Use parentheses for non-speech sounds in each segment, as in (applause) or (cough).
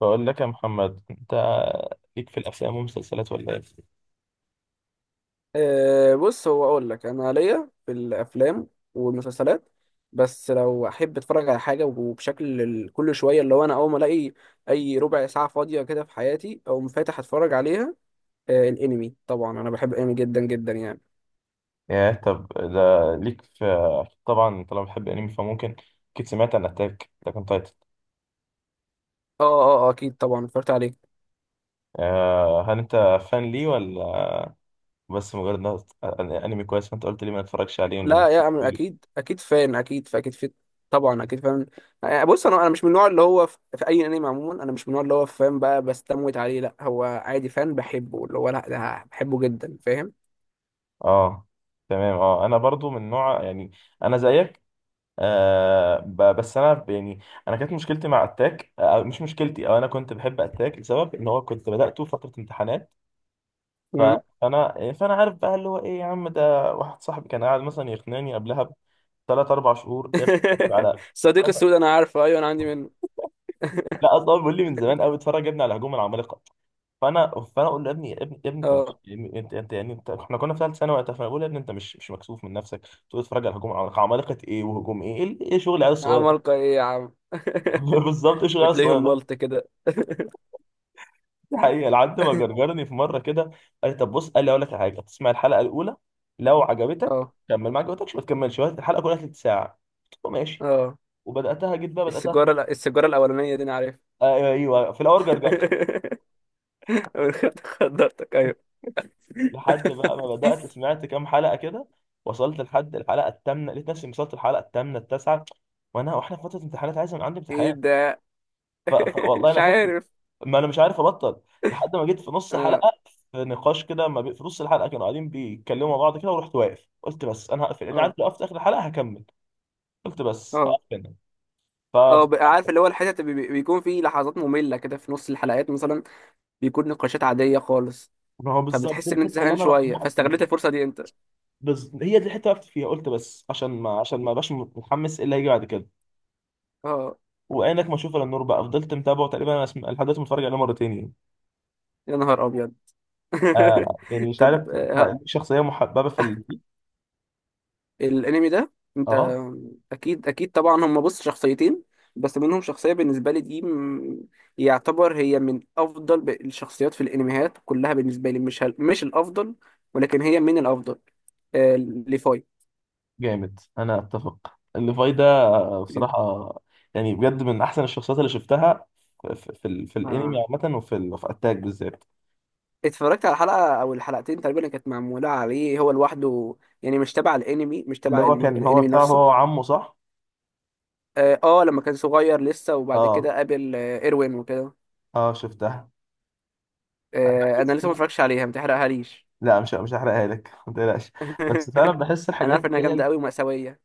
بقول لك يا محمد، انت ليك في الافلام والمسلسلات ولا ايه؟ بص، هو اقول لك انا ليا في الافلام والمسلسلات، بس لو احب اتفرج على حاجه وبشكل كل شويه اللي هو انا اول ما الاقي اي ربع ساعه فاضيه كده في حياتي اقوم فاتح اتفرج عليها. الانمي طبعا انا بحب الانمي جدا جدا يعني. يا طب، ده ليك في، طبعا طالما بتحب انمي فممكن اكيد سمعت عن اتاك لكن تايتن. اه، اه، آه، اكيد طبعا اتفرجت عليه. هل انت فان ليه ولا بس مجرد انمي كويس، فانت قلت لي ما اتفرجش عليه لا يا أمل، اكيد اكيد فان، اكيد فاكيد في. طبعا اكيد فان. آه، بص انا مش من النوع اللي هو في اي انمي عموما. انا مش من النوع اللي هو فان بقى بستموت عليه، لا، هو عادي فان بحبه، اللي هو لا ده بحبه جدا. فاهم؟ اه، تمام. اه انا برضو من نوع، يعني انا زيك. بس انا يعني، انا كانت مشكلتي مع اتاك، مش مشكلتي، او انا كنت بحب اتاك لسبب ان هو كنت بدأته في فترة امتحانات. ف- فانا عارف بقى اللي هو ايه، يا عم، ده واحد صاحبي كان قاعد مثلا يقنعني قبلها بثلاث اربع شهور: يا ابني اتفرج (laughs) على، صديق السود انا عارفه، ايوه انا عندي منه. لا اصلا هو بيقول لي من زمان قوي: اتفرج يا ابني على هجوم العمالقه. فانا اقول له: يا ابني، يا ابني، يا ابني، انت مش، اه، يعني، انت يعني انت، احنا كنا في ثالث ثانوي وقتها، فانا بقول له: يا ابني انت مش مكسوف من نفسك، تقول اتفرج على هجوم العمالقه! عمالقه ايه وهجوم ايه إيه شغل العيال الصغيره ده؟ عمالقة ايه يا عم؟ (laughs) بالظبط، ايه شغل (laughs) العيال وتلاقيهم الصغيره. ملط كده. دي حقيقة. لحد ما (laughs) جرجرني في مرة كده قال لي: طب بص، قال لي أقول لك على حاجة، تسمع الحلقة الأولى، لو عجبتك اه، كمل، ما عجبتكش ما تكملش، وقت الحلقة كلها تلت ساعة. قلت له ماشي. اه. وبدأتها، جيت بقى بدأتها في السيجارة، لا مصر. السيجارة الأولانية دي أنا عارف. آه، أيوه، في الأول جرجرت. (laughs) أول خدت خضرتك. (laughs) أيوه. لحد بقى ما بدأت سمعت كام حلقة كده، وصلت لحد الحلقة الثامنة، لقيت نفسي وصلت الحلقة الثامنة التاسعة، وأنا وإحنا في فترة امتحانات، عايز من عندي إيه امتحان. ده؟ (laughs) والله مش أنا فاكر، عارف. ما انا مش عارف ابطل، لحد ما جيت في نص اه، حلقه. في نقاش كده، ما بي... في نص الحلقه كانوا قاعدين بيتكلموا مع بعض كده، ورحت واقف قلت: بس، انا هقفل، اللي عارف اه، لو وقفت اخر الحلقه هكمل. قلت: بس اه، هقف هنا. ف اه، بقى عارف اللي هو الحتت اللي بيكون فيه لحظات مملة كده في نص الحلقات مثلا، بيكون نقاشات عادية خالص. ما هو بالظبط دي فبتحس إن أنت الحته اللي زهقان انا رحت شوية موقف فيها. فاستغلت الفرصة دي أنت. هي دي الحته اللي وقفت فيها، قلت بس عشان ما ابقاش متحمس إيه اللي هيجي بعد كده. اه، وعينك ما اشوف الا النور، بقى فضلت متابعه تقريبا، انا لحد دلوقتي متفرج عليه مرتين يعني. يا نهار أبيض. (laughs) يعني مش طب، عارف، شخصيه محببه في الانمي ده، انت اه، اكيد اكيد طبعا. هم بص شخصيتين، بس منهم شخصيه بالنسبه لي دي يعتبر هي من افضل الشخصيات في الانميات كلها بالنسبه لي، مش الافضل، ولكن هي من الافضل. ليفاي. جامد. انا اتفق الليفاي ده، بصراحة، يعني بجد من أحسن الشخصيات اللي شفتها في في الأنمي آه. عامة، وفي في أتاك بالذات. اتفرجت على حلقه او الحلقتين تقريبا اللي كانت معموله عليه هو لوحده، يعني مش تبع الانمي، مش اللي تبع هو كان هو الانمي بتاعه، نفسه. هو وعمه، صح؟ لما كان صغير لسه، وبعد اه، كده قابل ايروين وكده. اه، شفتها. أنا انا لسه ما بحس، اتفرجتش عليها، ما تحرقها ليش. لا، مش هحرقها لك (laughs) ما تقلقش. بس فعلا (laughs) بحس انا الحاجات عارف اللي انها هي جامده قوي ومأساويه.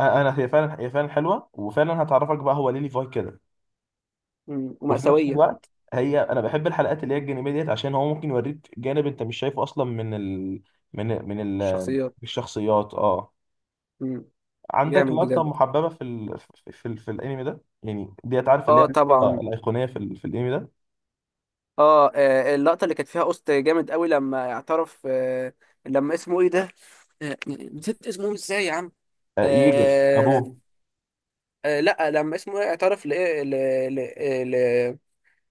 هي فعلا حلوه، وفعلا هتعرفك بقى هو ليه ليفاي كده. مم. وفي نفس ومأساويه. الوقت، انا بحب الحلقات اللي هي الجانبيه ديت، عشان هو ممكن يوريك جانب انت مش شايفه اصلا من ال... من من ال... الشخصيات. الشخصيات. اه. مم. عندك جامد لقطة بجد. محببة في في الانمي ده يعني، ديت عارف اللي هي اه، طبعا. الأيقونية في في الانمي ده؟ اللقطه اللي كانت فيها قسط جامد قوي لما اعترف، لما اسمه ايه ده؟ نسيت اسمه ازاي يا عم؟ آه، ييجر آه أبوه. لا، لما اسمه ايه اعترف لايه، ل-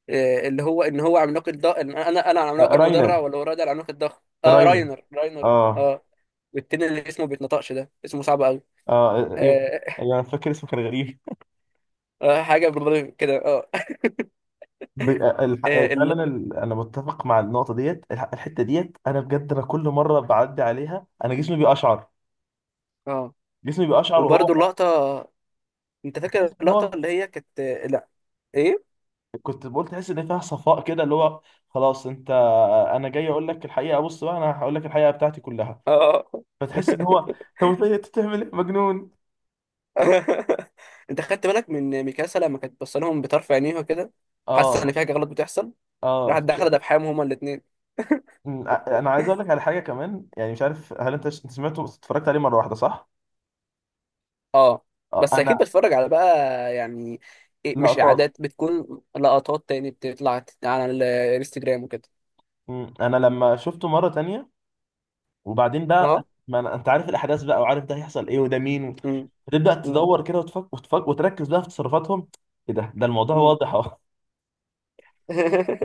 اللي هو ان هو عملاق الضخم، انا آه، العملاق راينر، المدرع، ولا هو ده العملاق الضخم؟ اه، راينر، راينر، راينر، آه اه. والتاني اللي اسمه بيتنطقش ده اسمه صعب قوي، آه، أيوه، أنا فاكر اسمه كان غريب. اه، حاجه بالرغم كده، اه. ب... آه الح... آه اه ال- فعلا أنا متفق مع النقطة ديت. الحتة ديت، أنا بجد أنا كل مرة بعدي عليها أنا جسمي بيقشعر. اه جسمي بيقشعر وهو، وبرده اللقطه، انت بحس فاكر إن اللقطه هو، اللي هي كانت؟ لا، ايه، كنت بقول تحس إن فيها صفاء كده اللي هو، خلاص، أنت أنا جاي أقول لك الحقيقة، بص بقى أنا هقول لك الحقيقة بتاعتي كلها، اه. فتحس ان هو، طب انت بتعمل ايه مجنون؟ (laughs) انت خدت بالك من ميكاسا لما كانت بص لهم بطرف عينيها كده، حاسه ان اه، في حاجه غلط بتحصل؟ اه، راحت داخله دبحهم هما الاثنين. انا عايز اقول لك على حاجه كمان، يعني مش عارف هل انت انت سمعته بس اتفرجت عليه مره واحده صح؟ اه، آه، بس اكيد انا، بتفرج على بقى، يعني إيه، مش لقطات. اعادات بتكون لقطات تاني بتطلع على الانستجرام وكده. انا لما شفته مره تانية، وبعدين بقى اه، ما أنا... انت عارف الاحداث بقى، وعارف ده هيحصل ايه وده مين امم، تبدا امم، تدور كده وتركز بقى في تصرفاتهم، ايه ده الموضوع امم. واضح اهو.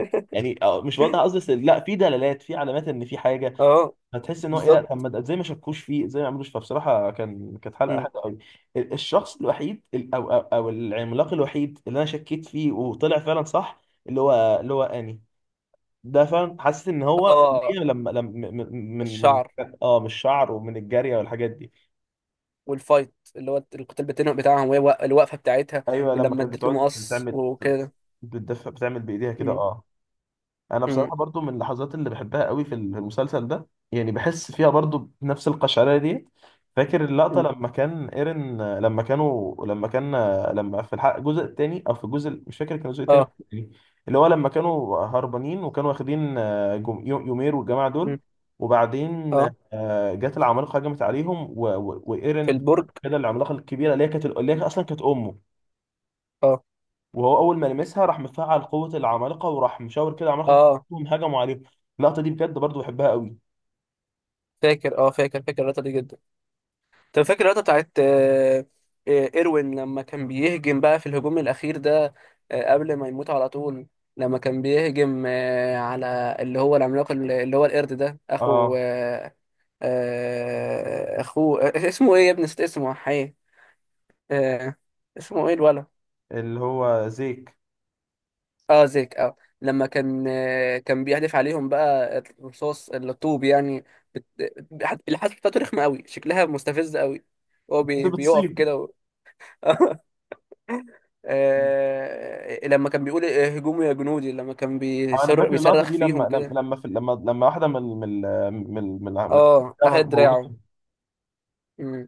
(laughs) يعني مش واضح قصدي، بس لا، في دلالات، في علامات ان في حاجه، اه، هتحس ان هو ايه. لا بالظبط. طب ما ازاي ما شكوش فيه، ازاي ما عملوش، فبصراحه كانت حلقه امم. حلوه قوي. الشخص الوحيد، او العملاق الوحيد اللي انا شكيت فيه وطلع فعلا صح، اللي هو اني ده فعلا حاسس ان هو إن هي، اه، لما لما من من من الشعر، اه من الشعر ومن الجاريه والحاجات دي. والفايت اللي هو القتال بتاعهم، وهي الوقفه بتاعتها، ايوه، لما ولما كانت اديت له بتقعد مقص تعمل، وكده. بتدفع، بتعمل بايديها كده، مم. اه. انا مم. بصراحه برضو من اللحظات اللي بحبها قوي في المسلسل ده، يعني بحس فيها برضو بنفس القشعريه دي. فاكر اللقطه، مم. لما كان ايرن، لما كانوا، لما كان، لما في الحلقه الجزء الثاني، او في الجزء مش فاكر كان الجزء الثاني ولا اه. التاني، اللي هو لما كانوا هربانين، وكانوا واخدين يومير والجماعه دول، مم. وبعدين اه، جت العمالقه، هجمت عليهم في وايرن البرج. كده، العملاقه الكبيره اللي هي اصلا كانت امه، اه، وهو اول ما لمسها راح مفعل قوه العمالقه، وراح مشاور كده العمالقه اه، كلهم هجموا عليهم. اللقطه دي بجد برضو بحبها قوي. فاكر، اه، فاكر فاكر اللقطه دي جدا. طب فاكر اللقطه بتاعت ايروين لما كان بيهجم بقى في الهجوم الاخير ده، قبل ما يموت على طول، لما كان بيهجم على اللي هو العملاق اللي هو القرد ده، اخو اه، اخوه، اسمه ايه يا ابني؟ نسيت اسمه حي. آه اسمه ايه الولد؟ اللي هو زيك. اه، زيك. اه لما كان كان بيحدف عليهم بقى الرصاص، الطوب يعني. الحادثة بتاعته رخمة قوي، شكلها مستفز قوي. هو (laughs) بيقف بتصيب. كده (laughs) لما كان بيقول هجوموا يا جنودي، لما كان انا فاكر اللقطه بيصرخ دي لما فيهم لما كده. لما في لما لما واحده من اه، اخد دراعه. مم.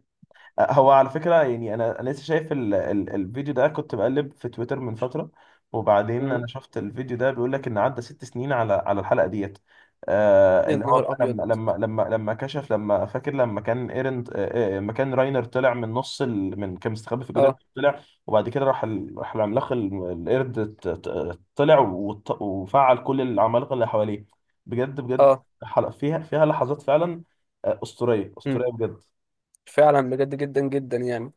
هو على فكرة، يعني أنا لسه شايف ال الفيديو ده، كنت بقلب في تويتر من فترة، وبعدين أنا مم. شفت الفيديو ده بيقول لك إن عدى 6 سنين على الحلقة ديت. يا اللي هو نهار بقى، ابيض. لما كشف، لما فاكر لما كان ايرن، لما كان راينر طلع من نص ال من كان مستخبي في الجدار اه، طلع، وبعد كده راح العملاق القرد طلع وفعل كل العمالقة اللي حواليه. بجد بجد، اه. حلقة فيها لحظات فعلا، أسطورية مم. أسطورية بجد. فعلا بجد جدا جدا يعني.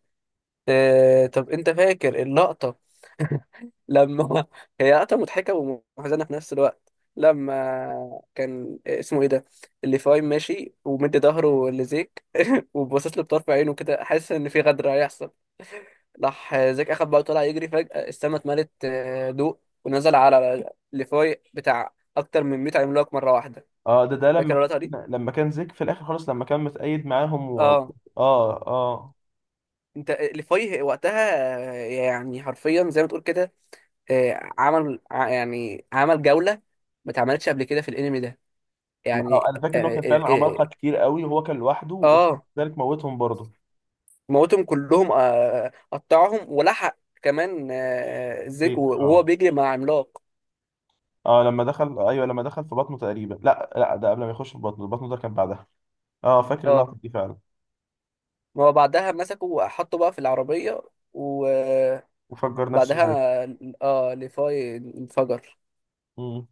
طب انت فاكر اللقطة لما (laughs) هي قطعة مضحكة ومحزنة في نفس الوقت، لما كان اسمه ايه ده، اللي فاهم ماشي ومدي ظهره لزيك (laughs) وباصص له بطرف عينه كده، حاسس ان في غدر هيحصل؟ راح زيك اخد بقى، طلع يجري، فجأة السما اتملت ضوء، ونزل على ليفاي بتاع اكتر من 100 عملاق مرة واحدة. اه، ده لما فاكر اللقطة دي؟ كان لما كان زيك في الاخر خالص، لما كان متأيد معاهم اه، اه، اه، انت ليفاي وقتها. يعني حرفيا زي ما تقول كده، عمل يعني عمل جولة ما اتعملتش قبل كده في الانمي ده، يعني انا فاكر ان هو كان فعلا عمالقه كتير قوي، وهو كان لوحده، آه، آه، وذلك موتهم برضه. موتهم كلهم، قطعهم ولحق كمان زيك زيك، وهو اه. بيجري مع عملاق. اه لما دخل، ايوه لما دخل في بطنه تقريبا، لا لا، ده قبل ما يخش في بطنه ده كان بعدها، اه. فاكر اه، اللقطه دي فعلا. ما هو بعدها مسكه وحطه بقى في العربية و- وفجر نفسه وبعدها زيك. اه ليفاي انفجر. مم.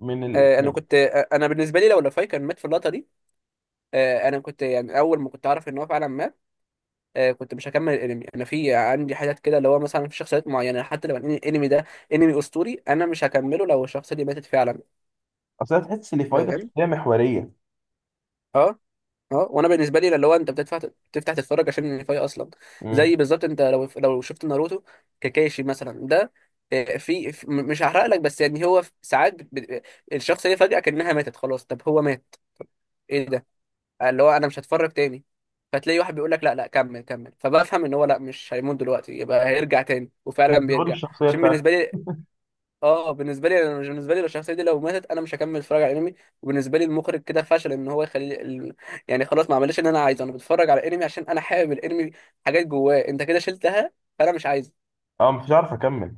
من ال، انا يعني، كنت، انا بالنسبه لي لو ليفاي كان مات في اللقطه دي، انا كنت يعني اول ما كنت عارف ان هو فعلا مات، كنت مش هكمل الانمي. انا في عندي حاجات كده اللي هو مثلا في شخصيات معينه، حتى لو الانمي ده انمي اسطوري، انا مش هكمله لو الشخصيه دي ماتت فعلا. اصل أنا تحس ان فايده فاهم؟ شخصيه محوريه. اه، اه. وانا بالنسبه لي اللي هو انت بتدفع تفتح تتفرج عشان النهايه اصلا. امم. زي بالظبط، انت لو شفت ناروتو، كاكاشي مثلا ده، مش هحرق لك، بس يعني هو ساعات الشخصيه فجاه كانها ماتت خلاص، طب هو مات؟ ايه ده؟ اللي هو انا مش هتفرج تاني. فتلاقي واحد بيقول لك لا، لا، كمل، كمل، فبفهم ان هو لا مش هيموت دلوقتي، يبقى هيرجع تاني، وفعلا الظهور، بيرجع الشخصيه عشان بالنسبه بتاعته. لي. اه بالنسبه لي انا، بالنسبه لي لو الشخصيه دي لو ماتت انا مش هكمل اتفرج على انمي، وبالنسبه لي المخرج كده فشل ان هو يخلي يعني خلاص ما عملش اللي انا عايزه. انا بتفرج على انمي عشان انا حابب الانمي، حاجات جواه انت كده شلتها، فانا مش عايزه. اه مش عارف اكمل.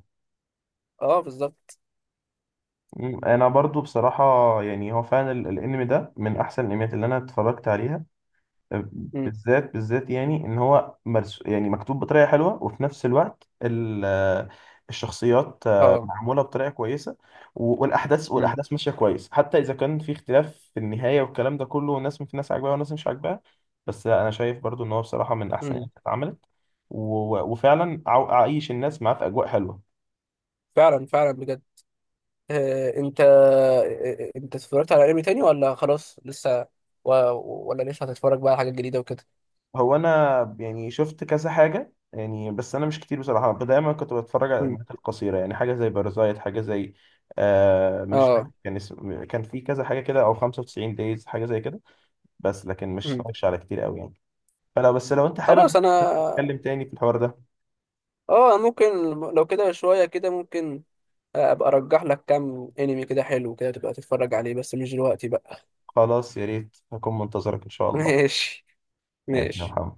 اه، بالظبط. انا برضو بصراحه، يعني هو فعلا الانمي ده من احسن الانميات اللي انا اتفرجت عليها. أه، امم. بالذات بالذات، يعني ان هو مرس، يعني مكتوب بطريقه حلوه، وفي نفس الوقت الشخصيات، اه، معموله بطريقه كويسه، و- والاحداث امم، والاحداث ماشيه كويس، حتى اذا كان في اختلاف في النهايه والكلام ده كله، والناس، في ناس عاجباها وناس مش عاجباها، بس انا شايف برضو ان هو بصراحه من احسن امم. الانميات اللي اتعملت، وفعلا عايش الناس معاه في اجواء حلوه. فعلا فعلا بجد. آه انت آه، آه، انت اتفرجت على انمي تاني ولا خلاص لسه و... ولا لسه هتتفرج بقى على حاجات جديده وكده؟ انا يعني شفت كذا حاجه يعني، بس انا مش كتير، بصراحه دايما كنت بتفرج على امم. الانميات القصيره، يعني حاجه زي بارازايت، حاجه زي، مش فاكر اه، كان اسم، كان في كذا حاجه كده، او 95 دايز حاجه زي كده، بس لكن مش امم، اتفرجش على كتير قوي يعني. فلو بس لو انت خلاص حابب انا. نتكلم تاني في الحوار ده، اه، ممكن. لو كده شويه كده ممكن ابقى ارجح لك كام انمي كده حلو كده تبقى تتفرج عليه، بس مش دلوقتي بقى. خلاص، يا ريت، هكون منتظرك ان شاء (laughs) الله. ماشي. ماشي يا ماشي. محمد.